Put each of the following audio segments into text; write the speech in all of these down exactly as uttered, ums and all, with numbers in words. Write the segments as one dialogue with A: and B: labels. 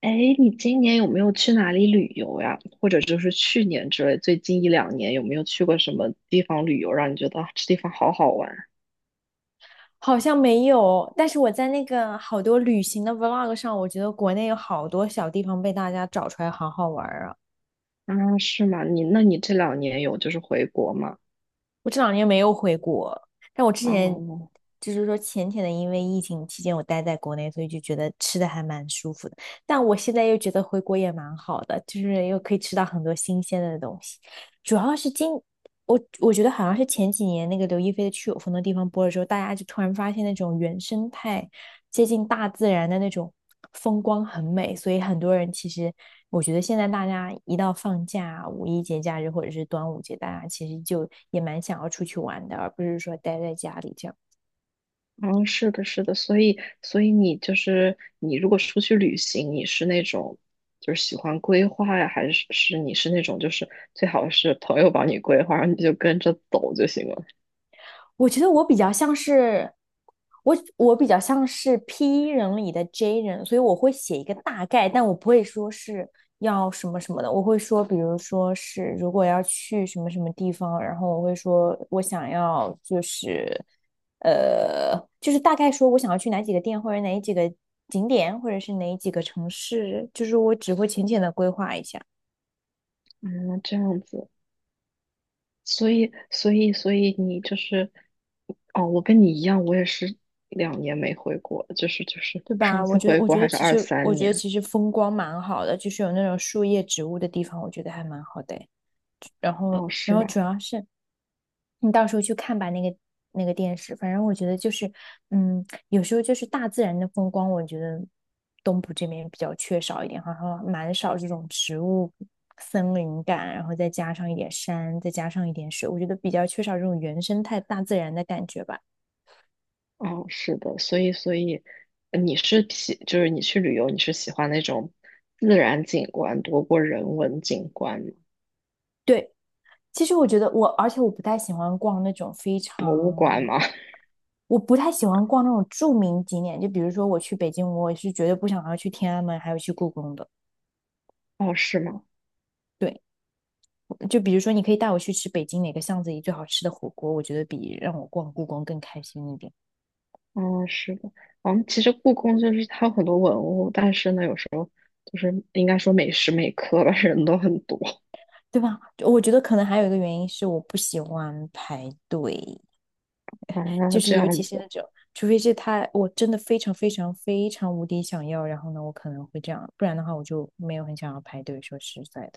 A: 哎，你今年有没有去哪里旅游呀？或者就是去年之类，最近一两年有没有去过什么地方旅游，让你觉得啊这地方好好玩？
B: 好像没有，但是我在那个好多旅行的 vlog 上，我觉得国内有好多小地方被大家找出来，好好玩儿啊！
A: 啊，是吗？你那你这两年有就是回国吗？
B: 我这两年没有回国，但我之前
A: 哦，
B: 就是说浅浅的，因为疫情期间我待在国内，所以就觉得吃的还蛮舒服的。但我现在又觉得回国也蛮好的，就是又可以吃到很多新鲜的东西。主要是今我我觉得好像是前几年那个刘亦菲的《去有风的地方》播了之后，大家就突然发现那种原生态。接近大自然的那种风光很美，所以很多人其实我觉得现在大家一到放假、五一节假日或者是端午节，大家其实就也蛮想要出去玩的，而不是说待在家里这样。
A: 哦，是的，是的，所以所以你就是你如果出去旅行，你是那种就是喜欢规划呀，还是是你是那种就是最好是朋友帮你规划，然后你就跟着走就行了？
B: 我觉得我比较像是我，我比较像是 P 人里的 J 人，所以我会写一个大概，但我不会说是要什么什么的，我会说，比如说是如果要去什么什么地方，然后我会说我想要就是呃，就是大概说我想要去哪几个店或者哪几个景点或者是哪几个城市，就是我只会浅浅的规划一下。
A: 嗯，这样子。所以，所以，所以你就是，哦，我跟你一样，我也是两年没回国，就是就是
B: 对吧？
A: 上
B: 我
A: 次
B: 觉得，
A: 回
B: 我
A: 国
B: 觉得
A: 还是
B: 其
A: 二
B: 实，我
A: 三
B: 觉得
A: 年，
B: 其实风光蛮好的，就是有那种树叶、植物的地方，我觉得还蛮好的诶。然后，
A: 哦，是
B: 然后
A: 吗？
B: 主要是你到时候去看吧，那个那个电视。反正我觉得就是，嗯，有时候就是大自然的风光，我觉得东部这边比较缺少一点，好像蛮少这种植物、森林感，然后再加上一点山，再加上一点水，我觉得比较缺少这种原生态大自然的感觉吧。
A: 哦，是的，所以，所以呃你是喜，就是你去旅游，你是喜欢那种自然景观多过人文景观吗？
B: 对，其实我觉得我，而且我不太喜欢逛那种非
A: 博物馆
B: 常
A: 吗？
B: 我不太喜欢逛那种著名景点，就比如说我去北京，我是绝对不想要去天安门，还有去故宫的。
A: 哦，是吗？
B: 对，就比如说你可以带我去吃北京哪个巷子里最好吃的火锅，我觉得比让我逛故宫更开心一点，
A: 哦，是的。嗯，其实故宫就是它有很多文物，但是呢，有时候就是应该说每时每刻吧，人都很多。
B: 对吧？我觉得可能还有一个原因是我不喜欢排队，就
A: 哦，
B: 是
A: 这
B: 尤其
A: 样
B: 是
A: 子。
B: 那种，除非是他我真的非常非常非常无敌想要，然后呢，我可能会这样，不然的话我就没有很想要排队，说实在的。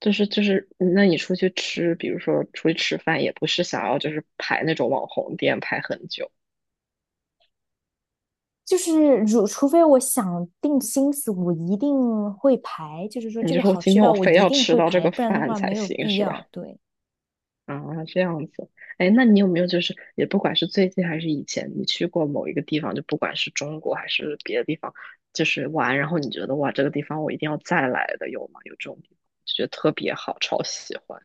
A: 就是就是，那你出去吃，比如说出去吃饭，也不是想要就是排那种网红店排很久，
B: 就是如，除非我想定心思，我一定会排。就是说，
A: 你
B: 这
A: 就
B: 个
A: 说
B: 好
A: 今
B: 吃
A: 天
B: 到
A: 我
B: 我
A: 非
B: 一
A: 要
B: 定
A: 吃
B: 会
A: 到这
B: 排，
A: 个
B: 不然的
A: 饭
B: 话
A: 才
B: 没有
A: 行，
B: 必
A: 是吧？
B: 要。对
A: 啊，这样子。哎，那你有没有就是也不管是最近还是以前，你去过某一个地方，就不管是中国还是别的地方，就是玩，然后你觉得哇，这个地方我一定要再来的，有吗？有这种地方，就觉得特别好，超喜欢。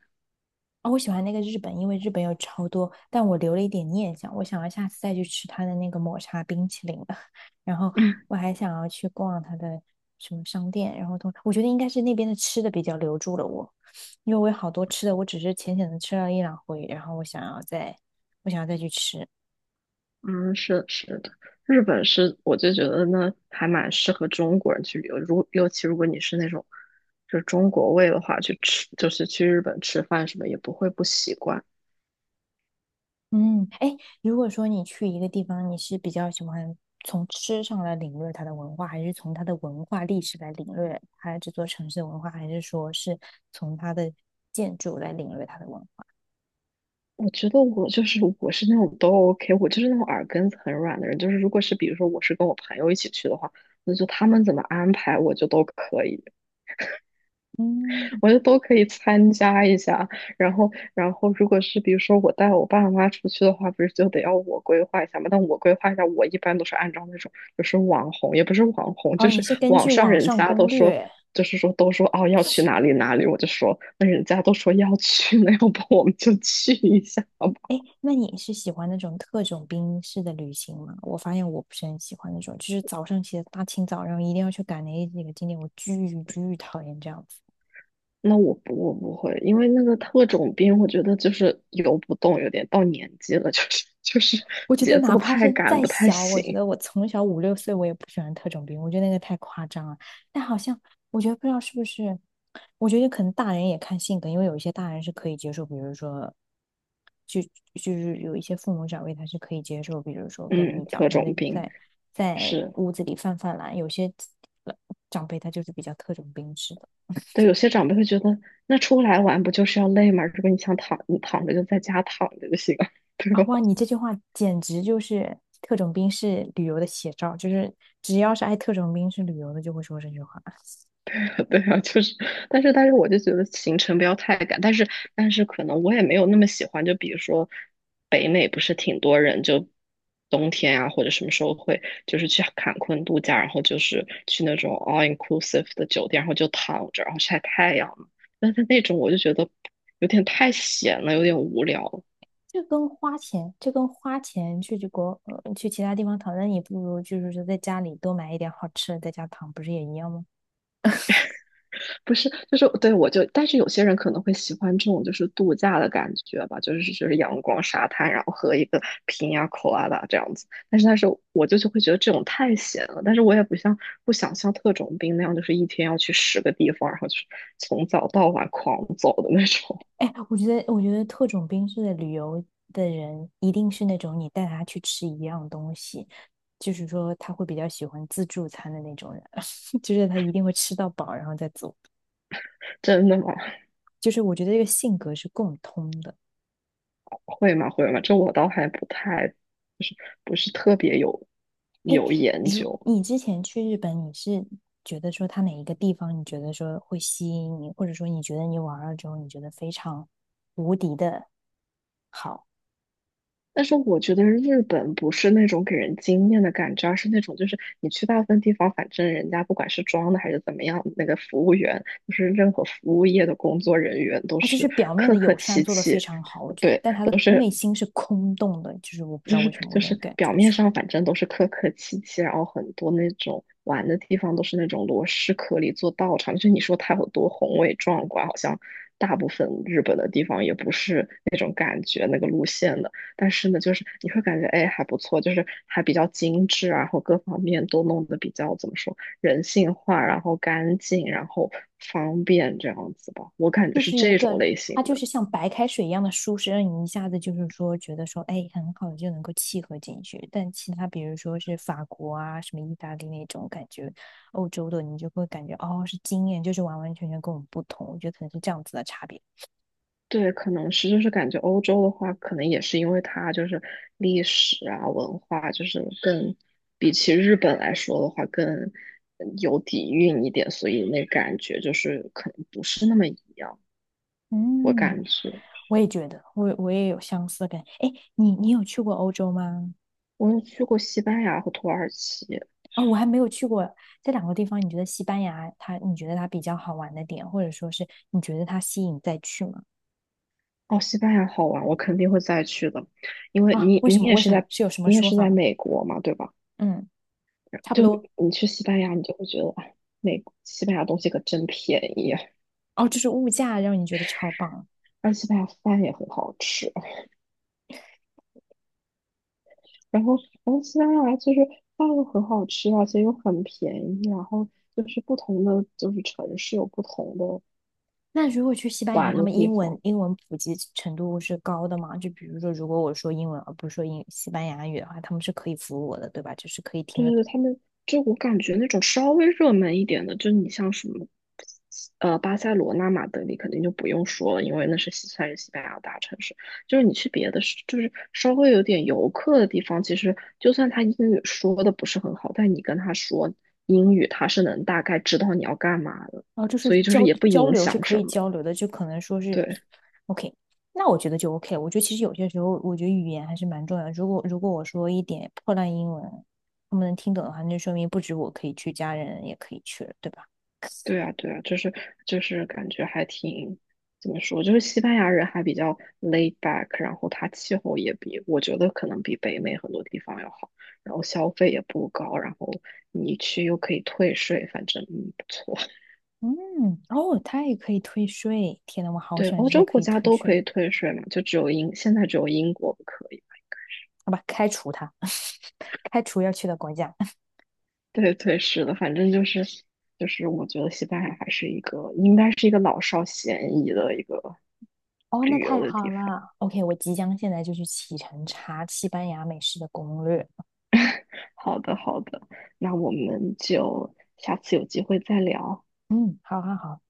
B: 啊、我喜欢那个日本，因为日本有超多，但我留了一点念想，我想要下次再去吃它的那个抹茶冰淇淋了。然后我还想要去逛它的什么商店，然后同我觉得应该是那边的吃的比较留住了我，因为我有好多吃的，我只是浅浅的吃了一两回，然后我想要再，我想要再去吃。
A: 嗯，是是的，日本是我就觉得呢，还蛮适合中国人去旅游。如尤其如果你是那种就是中国胃的话，去吃就是去日本吃饭什么也不会不习惯。
B: 嗯，哎，如果说你去一个地方，你是比较喜欢从吃上来领略它的文化，还是从它的文化历史来领略它这座城市的文化，还是说是从它的建筑来领略它的文化？
A: 我觉得我就是我是那种都 O K，我就是那种耳根子很软的人。就是如果是比如说我是跟我朋友一起去的话，那就他们怎么安排我就都可以。
B: 嗯，
A: 我就都可以参加一下。然后，然后如果是比如说我带我爸妈出去的话，不是就得要我规划一下吗？但我规划一下，我一般都是按照那种就是网红，也不是网红，
B: 哦，
A: 就
B: 你
A: 是
B: 是根
A: 网
B: 据
A: 上
B: 网
A: 人
B: 上
A: 家
B: 攻
A: 都说，
B: 略。
A: 就是说都说哦要去哪里哪里，我就说那人家都说要去，那要不我们就去一下吧。
B: 哎，那你是喜欢那种特种兵式的旅行吗？我发现我不是很喜欢那种，就是早上起来大清早，然后一定要去赶那几个景点，我巨巨讨厌这样子。
A: 那我不我不会，因为那个特种兵，我觉得就是游不动，有点到年纪了，就是 就是
B: 我觉得
A: 节
B: 哪
A: 奏
B: 怕
A: 太
B: 是
A: 赶，
B: 再
A: 不太
B: 小，我觉
A: 行。
B: 得我从小五六岁我也不喜欢特种兵，我觉得那个太夸张了。但好像我觉得不知道是不是，我觉得可能大人也看性格，因为有一些大人是可以接受，比如说，就就是有一些父母长辈他是可以接受，比如说跟
A: 嗯，
B: 你早
A: 特
B: 上在
A: 种兵。
B: 在在
A: 是，
B: 屋子里犯犯懒，有些长辈他就是比较特种兵式的。
A: 对，有些长辈会觉得，那出来玩不就是要累吗？如果你想躺，你躺着就在家躺着就行了，对
B: 啊，
A: 吧？
B: 哇，你这句话简直就是特种兵式旅游的写照，就是只要是爱特种兵式旅游的，就会说这句话。
A: 对啊，就是，但是但是我就觉得行程不要太赶，但是但是可能我也没有那么喜欢，就比如说北美不是挺多人就冬天啊或者什么时候会就是去坎昆度假，然后就是去那种 all inclusive 的酒店，然后就躺着，然后晒太阳嘛。但是那种我就觉得有点太闲了，有点无聊。
B: 就跟花钱，就跟花钱去去国，呃去其他地方躺，那你不如就是说在家里多买一点好吃的，在家躺，不是也一样吗？
A: 不是，就是对我就，但是有些人可能会喜欢这种就是度假的感觉吧，就是就是阳光沙滩，然后喝一个瓶呀、口啊啦这样子。但是但是我就就会觉得这种太闲了，但是我也不像不想像特种兵那样，就是一天要去十个地方，然后就是从早到晚狂走的那种。
B: 哎，我觉得，我觉得特种兵式的旅游的人，一定是那种你带他去吃一样东西，就是说他会比较喜欢自助餐的那种人，就是他一定会吃到饱，然后再走。
A: 真的吗？
B: 就是我觉得这个性格是共通的。
A: 会吗？会吗？这我倒还不太，就是不是特别有有研
B: 如
A: 究。
B: 你之前去日本，你是觉得说他哪一个地方你觉得说会吸引你，或者说你觉得你玩了之后你觉得非常无敌的好，
A: 但是我觉得日本不是那种给人惊艳的感觉啊，而是那种就是你去大部分地方，反正人家不管是装的还是怎么样，那个服务员就是任何服务业的工作人员都
B: 他就是
A: 是
B: 表面
A: 客
B: 的
A: 客
B: 友善
A: 气
B: 做得非
A: 气，
B: 常好，我觉得，
A: 对。
B: 但他的内心是空洞的，就是我不知
A: 就
B: 道为
A: 是
B: 什么我
A: 就
B: 能
A: 是
B: 感
A: 表
B: 觉
A: 面
B: 出
A: 上反正都是客客气气，然后很多那种玩的地方都是那种螺蛳壳里做道场，就你说它有多宏伟壮观，好像大部分日本的地方也不是那种感觉那个路线的，但是呢，就是你会感觉哎还不错，就是还比较精致啊然后各方面都弄得比较怎么说人性化，然后干净，然后方便这样子吧，我感觉
B: 就
A: 是
B: 是一
A: 这种
B: 个，
A: 类型
B: 它就
A: 的。
B: 是像白开水一样的舒适，让你一下子就是说觉得说，哎，很好就能够契合进去。但其他比如说是法国啊、什么意大利那种感觉，欧洲的你就会感觉哦是经验，就是完完全全跟我们不同。我觉得可能是这样子的差别。
A: 对，可能是就是感觉欧洲的话，可能也是因为它就是历史啊、文化，就是更比起日本来说的话，更嗯有底蕴一点，所以那感觉就是可能不是那么一样。我
B: 嗯，
A: 感觉
B: 我也觉得，我我也有相似的感觉。哎，你你有去过欧洲吗？
A: 我有去过西班牙和土耳其，
B: 哦，我还没有去过这两个地方。你觉得西班牙它，你觉得它比较好玩的点，或者说是你觉得它吸引再去吗？
A: 哦，西班牙好玩，我肯定会再去的，因为
B: 啊，
A: 你
B: 为什
A: 你
B: 么？
A: 也
B: 为
A: 是
B: 什么？
A: 在
B: 是有什么
A: 你也
B: 说
A: 是
B: 法
A: 在
B: 吗？
A: 美国嘛，对吧？
B: 嗯，差不
A: 就
B: 多。
A: 你去西班牙，你就会觉得，哎，美西班牙东西可真便宜啊，
B: 哦，就是物价让你觉得超棒啊。
A: 而且西班牙饭也很好吃。然后，然后西班牙其实饭又很好吃啊，而且又很便宜。然后就是不同的就是城市有不同的
B: 那如果去西班牙，
A: 玩
B: 他
A: 的
B: 们
A: 地
B: 英文
A: 方。
B: 英文普及程度是高的吗？就比如说，如果我说英文而不是说英西班牙语的话，他们是可以服务我的，对吧？就是可以听
A: 对
B: 得
A: 对对，
B: 懂。
A: 他们就我感觉那种稍微热门一点的，就是你像什么，呃，巴塞罗那、马德里肯定就不用说了，因为那是西算是西班牙大城市。就是你去别的市，就是稍微有点游客的地方，其实就算他英语说的不是很好，但你跟他说英语，他是能大概知道你要干嘛的，
B: 然后就是
A: 所以就是
B: 交
A: 也不
B: 交
A: 影
B: 流是
A: 响
B: 可以
A: 什么。
B: 交流的，就可能说是
A: 对。
B: OK。那我觉得就 OK。我觉得其实有些时候，我觉得语言还是蛮重要的，如果如果我说一点破烂英文，他们能听懂的话，那就说明不止我可以去，家人也可以去了，对吧？
A: 对啊，对啊，就是就是感觉还挺怎么说，就是西班牙人还比较 laid back，然后它气候也比我觉得可能比北美很多地方要好，然后消费也不高，然后你去又可以退税，反正嗯不错。
B: 嗯，哦，它也可以退税。天呐，我好
A: 对，
B: 喜欢这
A: 欧
B: 些
A: 洲
B: 可
A: 国
B: 以
A: 家
B: 退
A: 都可
B: 税。
A: 以退税嘛，就只有英现在只有英国不可以。
B: 好吧，开除它，开除要去的国家。
A: 对对是的，反正就是就是我觉得西班牙还是一个应该是一个老少咸宜的一个
B: 哦，那
A: 旅
B: 太
A: 游的
B: 好
A: 地方。
B: 了。OK,我即将现在就去启程查西班牙美食的攻略。
A: 好的，好的，那我们就下次有机会再聊。
B: 嗯，好好好。